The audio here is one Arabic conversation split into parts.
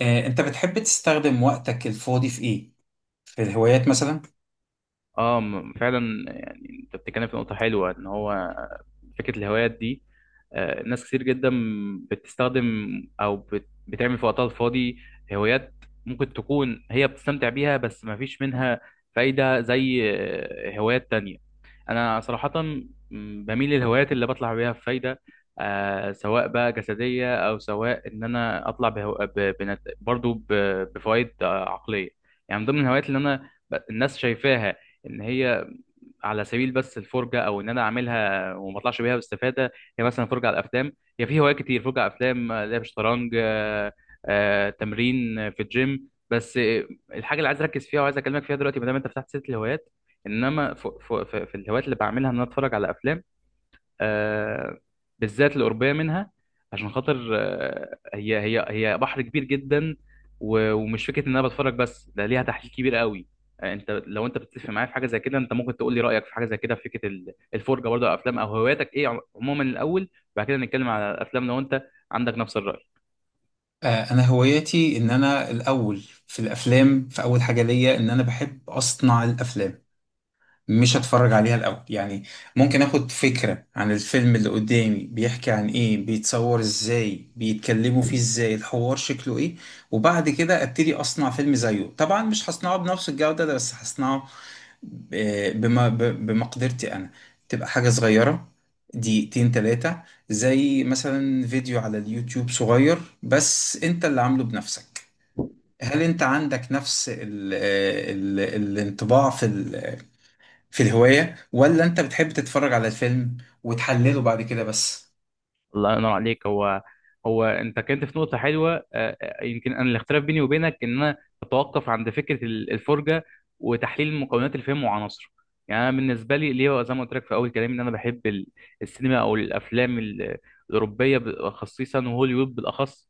انت بتحب تستخدم وقتك الفاضي في ايه؟ في الهوايات مثلا؟ اه فعلا يعني انت بتتكلم في نقطة حلوة ان هو فكرة الهوايات دي. ناس كتير جدا بتستخدم او بتعمل في وقتها الفاضي هوايات، ممكن تكون هي بتستمتع بيها بس ما فيش منها فايدة زي هوايات تانية. انا صراحه بميل للهوايات اللي بطلع بيها بفايده، آه سواء بقى جسديه او سواء ان انا اطلع بهو... ب... بنت... برضو ب... بفوائد عقليه. يعني من ضمن الهوايات اللي الناس شايفاها ان هي على سبيل بس الفرجه، او ان انا اعملها وما اطلعش بيها باستفاده، هي مثلا فرجه على الافلام. هي في هوايات كتير، فرجه على افلام، لعب شطرنج، تمرين في الجيم. بس الحاجه اللي عايز اركز فيها وعايز اكلمك فيها دلوقتي، ما دام انت فتحت سيره الهوايات، انما في الهوايات اللي بعملها ان انا اتفرج على افلام، آه، بالذات القربية منها، عشان خاطر هي بحر كبير جدا، ومش فكرة ان انا بتفرج بس، ده ليها تحليل كبير قوي. انت لو انت بتتفق معايا في حاجة زي كده، انت ممكن تقول لي رأيك في حاجة زي كده في فكرة الفرجة برضه على الافلام، او هواياتك ايه عموما الاول، وبعد كده نتكلم على الافلام لو انت عندك نفس الرأي. انا هوايتي ان انا الاول في الافلام. في اول حاجه ليا ان انا بحب اصنع الافلام، مش اتفرج عليها الاول يعني. ممكن اخد فكره عن الفيلم اللي قدامي، بيحكي عن ايه، بيتصور ازاي، بيتكلموا فيه ازاي، الحوار شكله ايه، وبعد كده ابتدي اصنع فيلم زيه. طبعا مش هصنعه بنفس الجوده ده، بس هصنعه بما بمقدرتي انا. تبقى حاجة صغيرة، دقيقتين تلاتة، زي مثلا فيديو على اليوتيوب صغير بس انت اللي عامله بنفسك. هل انت عندك نفس ال الانطباع في الهواية، ولا انت بتحب تتفرج على الفيلم وتحلله بعد كده بس؟ الله ينور عليك. هو هو انت كنت في نقطه حلوه، يمكن انا الاختلاف بيني وبينك ان انا بتوقف عند فكره الفرجه وتحليل مكونات الفيلم وعناصره. يعني انا بالنسبه لي، ليه زي ما قلت لك في اول كلامي، ان انا بحب السينما او الافلام الاوروبيه خصيصا وهوليوود بالاخص.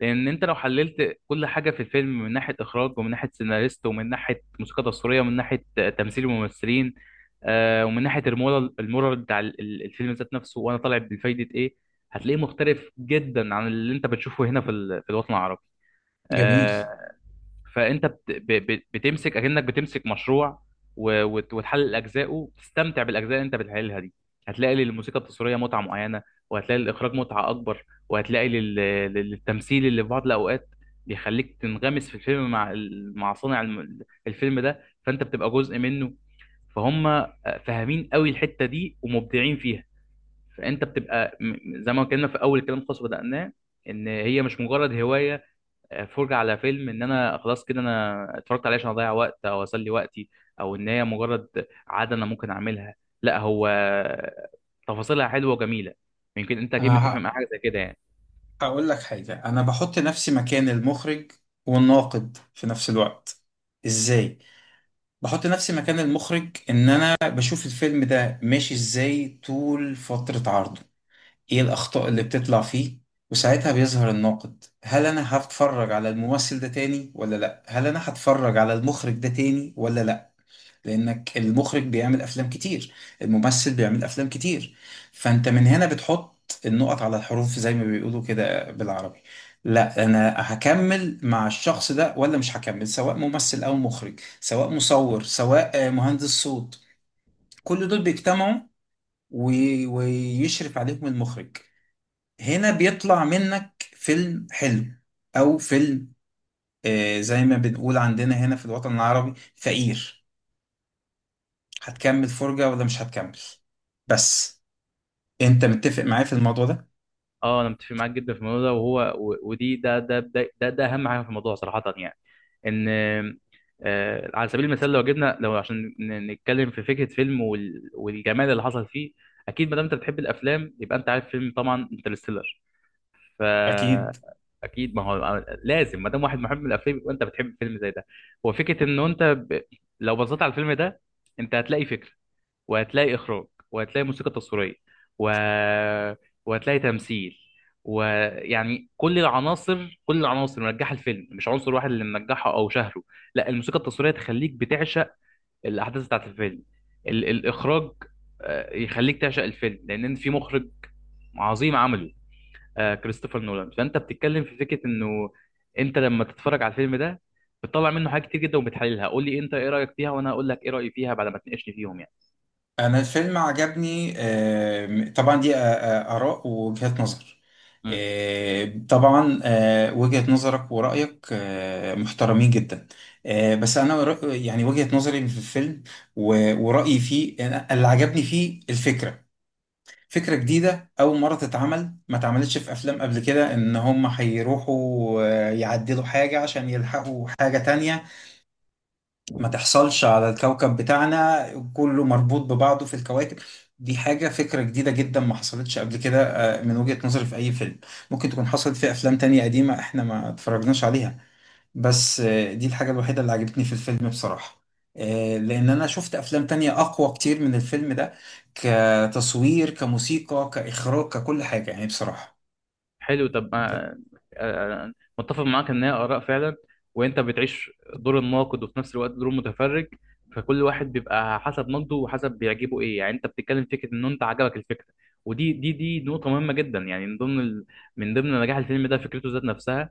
لان انت لو حللت كل حاجه في الفيلم، من ناحيه اخراج ومن ناحيه سيناريست ومن ناحيه موسيقى تصويريه ومن ناحيه تمثيل الممثلين، آه ومن ناحيه المورال، المورال بتاع الفيلم ذات نفسه، وانا طالع بفايده ايه، هتلاقيه مختلف جدا عن اللي انت بتشوفه هنا في في الوطن العربي. جميل. آه. فانت بتمسك اكنك بتمسك مشروع، وتحلل اجزائه، تستمتع بالاجزاء اللي انت بتحللها دي. هتلاقي للموسيقى التصويريه متعه معينه، وهتلاقي للاخراج متعه اكبر، وهتلاقي للتمثيل اللي في بعض الاوقات بيخليك تنغمس في الفيلم مع مع صانع الفيلم ده، فانت بتبقى جزء منه. فهم فاهمين قوي الحته دي ومبدعين فيها. فانت بتبقى زي ما اتكلمنا في اول كلام خاص بدأناه، ان هي مش مجرد هوايه فرجة على فيلم، ان انا خلاص كده انا اتفرجت عليه عشان اضيع وقت او اسلي وقتي، او ان هي مجرد عادة انا ممكن اعملها. لا، هو تفاصيلها حلوة وجميلة. يمكن انت اكيد انا متفق مع حاجة زي كده يعني. هقول لك حاجة، انا بحط نفسي مكان المخرج والناقد في نفس الوقت. ازاي؟ بحط نفسي مكان المخرج ان انا بشوف الفيلم ده ماشي ازاي طول فترة عرضه، ايه الاخطاء اللي بتطلع فيه، وساعتها بيظهر الناقد: هل انا هتفرج على الممثل ده تاني ولا لا؟ هل انا هتفرج على المخرج ده تاني ولا لا؟ لانك المخرج بيعمل افلام كتير، الممثل بيعمل افلام كتير، فانت من هنا بتحط النقط على الحروف زي ما بيقولوا كده بالعربي. لا انا هكمل مع الشخص ده، ولا مش هكمل، سواء ممثل او مخرج، سواء مصور، سواء مهندس صوت. كل دول بيجتمعوا ويشرف عليهم المخرج. هنا بيطلع منك فيلم حلو، او فيلم زي ما بنقول عندنا هنا في الوطن العربي، فقير. هتكمل فرجة ولا مش هتكمل؟ بس انت متفق معايا في الموضوع ده؟ اه، انا متفق معاك جدا في الموضوع ده، وهو و- ودي ده ده ده ده, ده اهم حاجة في الموضوع صراحة يعني. ان على سبيل المثال، لو جبنا، لو عشان نتكلم في فكرة فيلم والجمال اللي حصل فيه، اكيد ما دام انت بتحب الافلام يبقى انت عارف فيلم طبعا انترستيلر. اكيد. فاكيد ما هو لازم ما دام واحد محب للافلام يبقى انت بتحب فيلم زي ده. هو فكره ان لو بصيت على الفيلم ده، انت هتلاقي فكره، وهتلاقي اخراج، وهتلاقي موسيقى تصويريه، و... وهتلاقي تمثيل، ويعني كل العناصر، كل العناصر منجحه الفيلم، مش عنصر واحد اللي منجحه او شهره. لا، الموسيقى التصويريه تخليك بتعشق الاحداث بتاعت الفيلم، الاخراج يخليك تعشق الفيلم لان في مخرج عظيم عمله، آه كريستوفر نولان. فانت بتتكلم في فكره انه انت لما تتفرج على الفيلم ده، بتطلع منه حاجات كتير جدا وبتحللها. قول لي انت ايه رايك فيها، وانا هقول لك ايه رايي فيها بعد ما تناقشني فيهم يعني. انا الفيلم عجبني. طبعا دي اراء ووجهات نظر. مم. طبعا، وجهة نظرك ورأيك محترمين جدا. بس انا يعني وجهة نظري في الفيلم ورأيي فيه، اللي عجبني فيه الفكرة. فكرة جديدة، أول مرة تتعمل، ما اتعملتش في أفلام قبل كده، إن هم هيروحوا يعدلوا حاجة عشان يلحقوا حاجة تانية ما تحصلش على الكوكب بتاعنا. كله مربوط ببعضه في الكواكب. دي حاجة، فكرة جديدة جدا ما حصلتش قبل كده، من وجهة نظري في أي فيلم. ممكن تكون حصلت في أفلام تانية قديمة إحنا ما اتفرجناش عليها. بس دي الحاجة الوحيدة اللي عجبتني في الفيلم بصراحة. لأن أنا شفت أفلام تانية أقوى كتير من الفيلم ده، كتصوير، كموسيقى، كإخراج، ككل حاجة يعني بصراحة. حلو. طب ما آه، آه، متفق معاك ان هي اراء فعلا، وانت بتعيش دور الناقد وفي نفس الوقت دور المتفرج. فكل واحد بيبقى حسب نقده وحسب بيعجبه ايه. يعني انت بتتكلم في فكره ان انت عجبك الفكره، ودي دي دي نقطه مهمه جدا. يعني من ضمن من ضمن نجاح الفيلم ده فكرته ذات نفسها،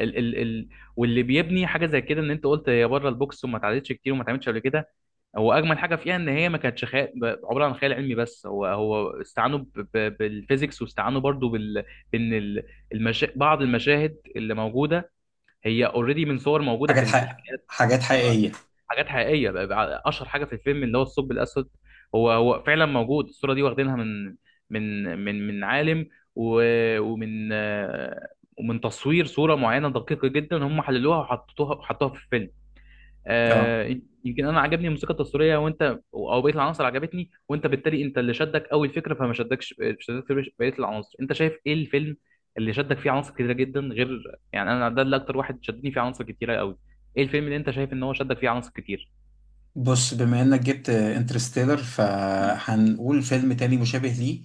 ال ال ال واللي بيبني حاجه زي كده، ان انت قلت هي بره البوكس وما اتعدتش كتير وما اتعملش قبل كده. هو اجمل حاجه فيها ان هي ما كانتش خيال، عباره عن خيال علمي، بس هو هو استعانوا بالفيزيكس، واستعانوا برضو بال بان ال- المشا... بعض المشاهد اللي موجوده هي اوريدي من صور موجوده في في الحقيقه. حاجات آه، حقيقية. حاجات حقيقيه. بقى بقى اشهر حاجه في الفيلم اللي هو الثقب الاسود، هو هو فعلا موجود الصوره دي، واخدينها من من عالم، ومن ومن تصوير صوره معينه دقيقه جدا، هم حللوها وحطوها في الفيلم. اه. آه. يمكن انا عجبني الموسيقى التصويريه، وانت او بقيه العناصر عجبتني، وانت بالتالي انت اللي شدك اول فكره فما شدكش بقيه العناصر. انت شايف ايه الفيلم اللي شدك فيه عناصر كتيره جدا؟ غير يعني انا ده اللي اكتر واحد شدني فيه عناصر كتيره قوي. ايه الفيلم اللي انت شايف ان هو شدك فيه عناصر كتير؟ بص، بما إنك جبت انترستيلر مم. فهنقول فيلم تاني مشابه ليه.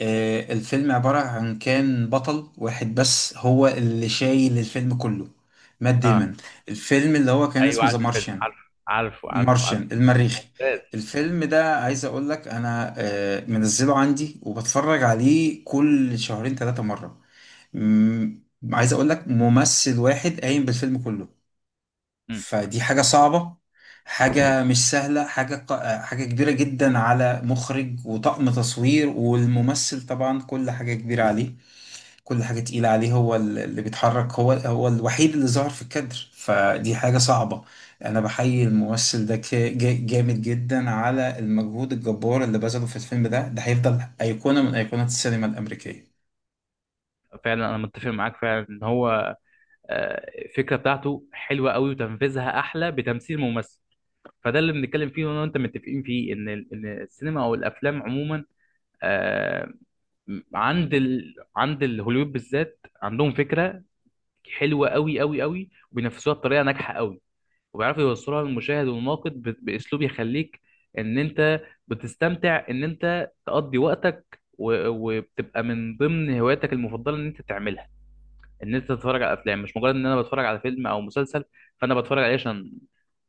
الفيلم عبارة عن كان بطل واحد بس هو اللي شايل الفيلم كله، مات اه، ديمون. الفيلم اللي هو كان ايوه اسمه ذا عارف الفيلم، مارشيان، عارف. مارشن المريخي. ممتاز. الفيلم ده عايز اقول لك انا منزله عندي، وبتفرج عليه كل شهرين ثلاثة مرة. مم. عايز اقول لك ممثل واحد قايم بالفيلم كله، مم. فدي حاجة صعبة، حاجة مش سهلة، حاجة حاجة كبيرة جدا على مخرج وطاقم تصوير والممثل. طبعا كل حاجة كبيرة عليه، كل حاجة تقيلة عليه، هو اللي بيتحرك، هو الوحيد اللي ظهر في الكادر، فدي حاجة صعبة. أنا بحيي الممثل ده، جامد جدا على المجهود الجبار اللي بذله في الفيلم ده هيفضل أيقونة من أيقونات السينما الأمريكية. فعلا انا متفق معاك فعلا ان هو الفكره بتاعته حلوه قوي وتنفيذها احلى بتمثيل ممثل. فده اللي بنتكلم فيه، وانا وانت متفقين فيه ان ان السينما او الافلام عموما آه، عند عند الهوليوود بالذات، عندهم فكره حلوه قوي قوي قوي، وبينفذوها بطريقه ناجحه قوي، وبيعرفوا يوصلوها للمشاهد والناقد باسلوب يخليك ان انت بتستمتع ان انت تقضي وقتك، وبتبقى من ضمن هواياتك المفضله ان انت تعملها، ان انت تتفرج على افلام. مش مجرد ان انا بتفرج على فيلم او مسلسل فانا بتفرج عليه عشان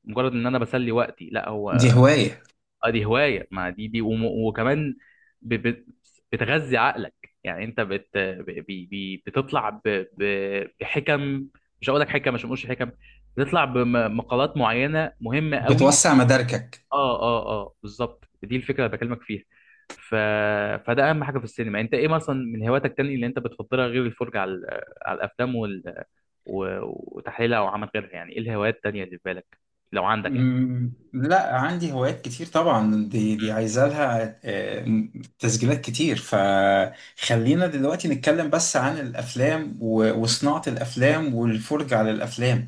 مجرد ان انا بسلي وقتي. لا، دي هو هواية. اه دي هوايه. ما دي وكمان ب- ب- بتغذي عقلك. يعني انت بت ب- بي- بي- بتطلع بحكم، مش هقول لك حكم عشان ما اقولش حكم، بتطلع بمقالات معينه مهمه قوي. بتوسع مداركك. اه اه اه، بالظبط دي الفكره اللي بكلمك فيها. ف... فده اهم حاجه في السينما. انت ايه مثلا من هواياتك تاني اللي انت بتفضلها، غير الفرجه على على الافلام و... وتحليلها او عمل غيرها؟ يعني ايه الهوايات التانيه اللي في بالك لو عندك يعني؟ مم. لا، عندي هوايات كتير طبعا، دي امم. عايزه لها تسجيلات كتير. فخلينا دلوقتي نتكلم بس عن الافلام امم. وصناعه الافلام والفرجه على الافلام.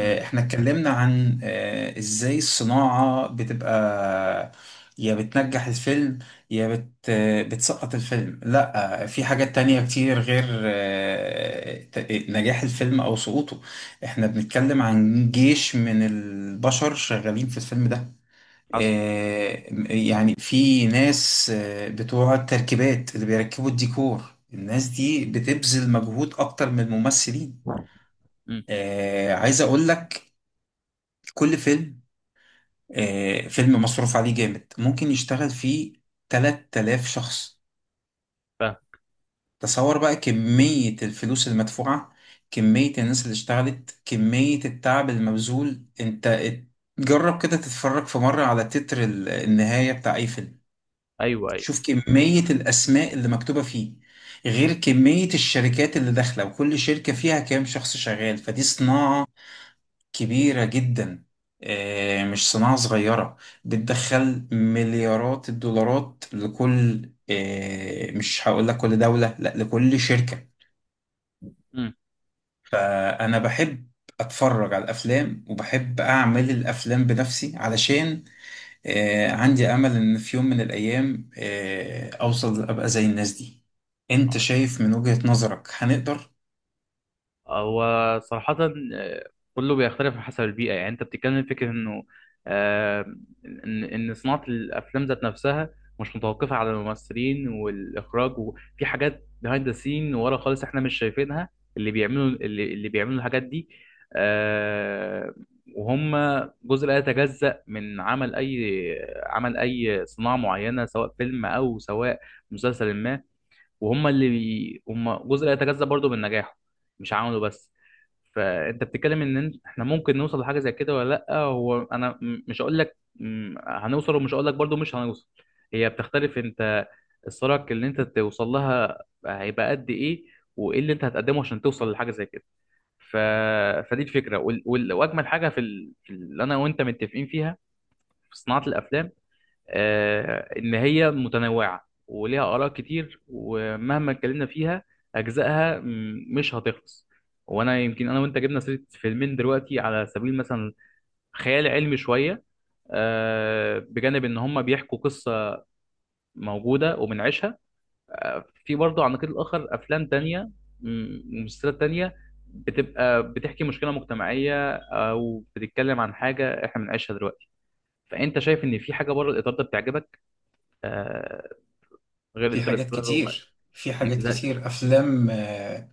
امم. احنا اتكلمنا عن ازاي الصناعه بتبقى يا بتنجح الفيلم، يا بت آه، بتسقط الفيلم. لا، في حاجات تانية كتير غير نجاح الفيلم او سقوطه. احنا بنتكلم عن جيش من البشر شغالين في الفيلم ده. حصل. آه، يعني في ناس بتوع التركيبات اللي بيركبوا الديكور، الناس دي بتبذل مجهود اكتر من الممثلين. مم. عايز اقول لك، كل فيلم، فيلم مصروف عليه جامد، ممكن يشتغل فيه 3000 شخص. تصور بقى كمية الفلوس المدفوعة، كمية الناس اللي اشتغلت، كمية التعب المبذول. جرب كده تتفرج في مرة على تتر النهاية بتاع اي فيلم، ايوه ايوه. شوف كمية الاسماء اللي مكتوبة فيه، غير كمية الشركات اللي داخلة، وكل شركة فيها كام شخص شغال. فدي صناعة كبيرة جدا، اه، مش صناعة صغيرة. بتدخل مليارات الدولارات لكل مش هقول لك كل دولة، لا، لكل شركة. امم. انا بحب اتفرج على الافلام وبحب اعمل الافلام بنفسي، علشان عندي امل ان في يوم من الايام اوصل ابقى زي الناس دي. انت شايف من وجهة نظرك هنقدر؟ هو صراحة كله بيختلف حسب البيئة. يعني انت بتتكلم في فكرة انه آه، ان إن صناعة الافلام ذات نفسها مش متوقفة على الممثلين والاخراج، وفي حاجات behind the scene ورا خالص احنا مش شايفينها، اللي بيعملوا اللي بيعملوا الحاجات دي، آه، وهم جزء لا يتجزأ من عمل اي عمل، اي صناعة معينة، سواء فيلم او سواء مسلسل ما. وهم اللي هم جزء لا يتجزأ برضه من نجاحه، مش عمله بس. فانت بتتكلم ان احنا ممكن نوصل لحاجه زي كده ولا لا. هو انا مش هقول لك هنوصل، ومش هقول لك برضو مش هنوصل. هي بتختلف. انت السرعه اللي انت توصل لها هيبقى قد ايه، وايه اللي انت هتقدمه عشان توصل لحاجه زي كده. ف... فدي الفكره، واجمل حاجه في اللي انا وانت متفقين فيها في صناعه الافلام، ان هي متنوعه وليها اراء كتير، ومهما اتكلمنا فيها اجزائها مش هتخلص. وانا يمكن انا وانت جبنا سيره فيلمين دلوقتي على سبيل مثلا خيال علمي شويه، بجانب ان هم بيحكوا قصه موجوده وبنعيشها. في برضه على النقيض الاخر افلام تانية ومسلسلات تانية، بتبقى بتحكي مشكله مجتمعيه او بتتكلم عن حاجه احنا بنعيشها دلوقتي. فانت شايف ان في حاجه بره الاطار ده بتعجبك، آه، غير في حاجات انترستيلر كتير في مم. حاجات زي... كتير افلام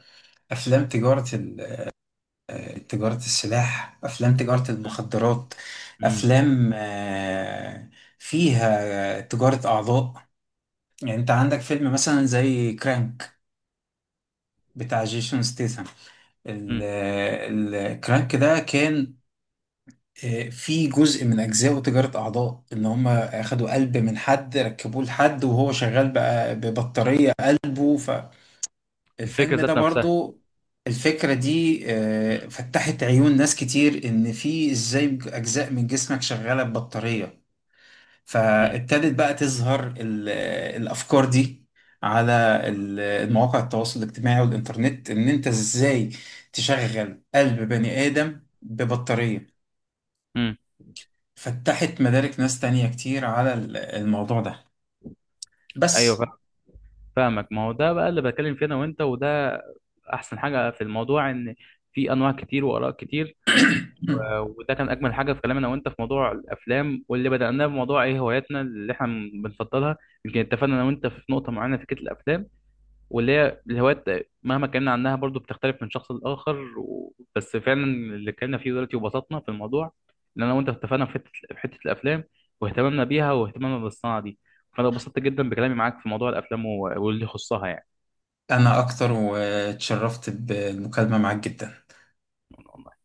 افلام تجارة تجارة السلاح، افلام تجارة مم. المخدرات، مم. افلام فيها تجارة اعضاء. يعني انت عندك فيلم مثلا زي كرانك بتاع جيسون ستيثم. مم. الكرانك ده كان فيه جزء من أجزاء تجارة أعضاء، إن هم أخدوا قلب من حد ركبوه لحد وهو شغال بقى ببطارية قلبه. الفكره فالفيلم ده ذات نفسها. برضو الفكرة دي مم. فتحت عيون ناس كتير إن في إزاي أجزاء من جسمك شغالة ببطارية. مم. فابتدت بقى تظهر الافكار دي على المواقع التواصل الاجتماعي والانترنت، ان انت ازاي تشغل قلب بني ادم ببطارية. مم. فتحت مدارك ناس تانية كتير على الموضوع ده ايوه بس. فاهمك. ما هو ده بقى اللي بتكلم فيه انا وانت، وده احسن حاجه في الموضوع، ان في انواع كتير واراء كتير. وده كان اجمل حاجه في كلامنا وانت في موضوع الافلام، واللي بدأناه بموضوع ايه هواياتنا اللي احنا بنفضلها. يمكن اتفقنا انا وانت في نقطه معينه في فكره الافلام واللي هي الهوايات، مهما اتكلمنا عنها برضو بتختلف من شخص لآخر، بس فعلا اللي اتكلمنا فيه دلوقتي وبسطنا في الموضوع، ان انا وانت اتفقنا في حته، في حته الافلام واهتمامنا بيها واهتمامنا بالصناعه دي. فانا اتبسطت جدا بكلامي معاك في موضوع الافلام واللي يخصها انا اكتر، واتشرفت بالمكالمة معاك جدا. يعني.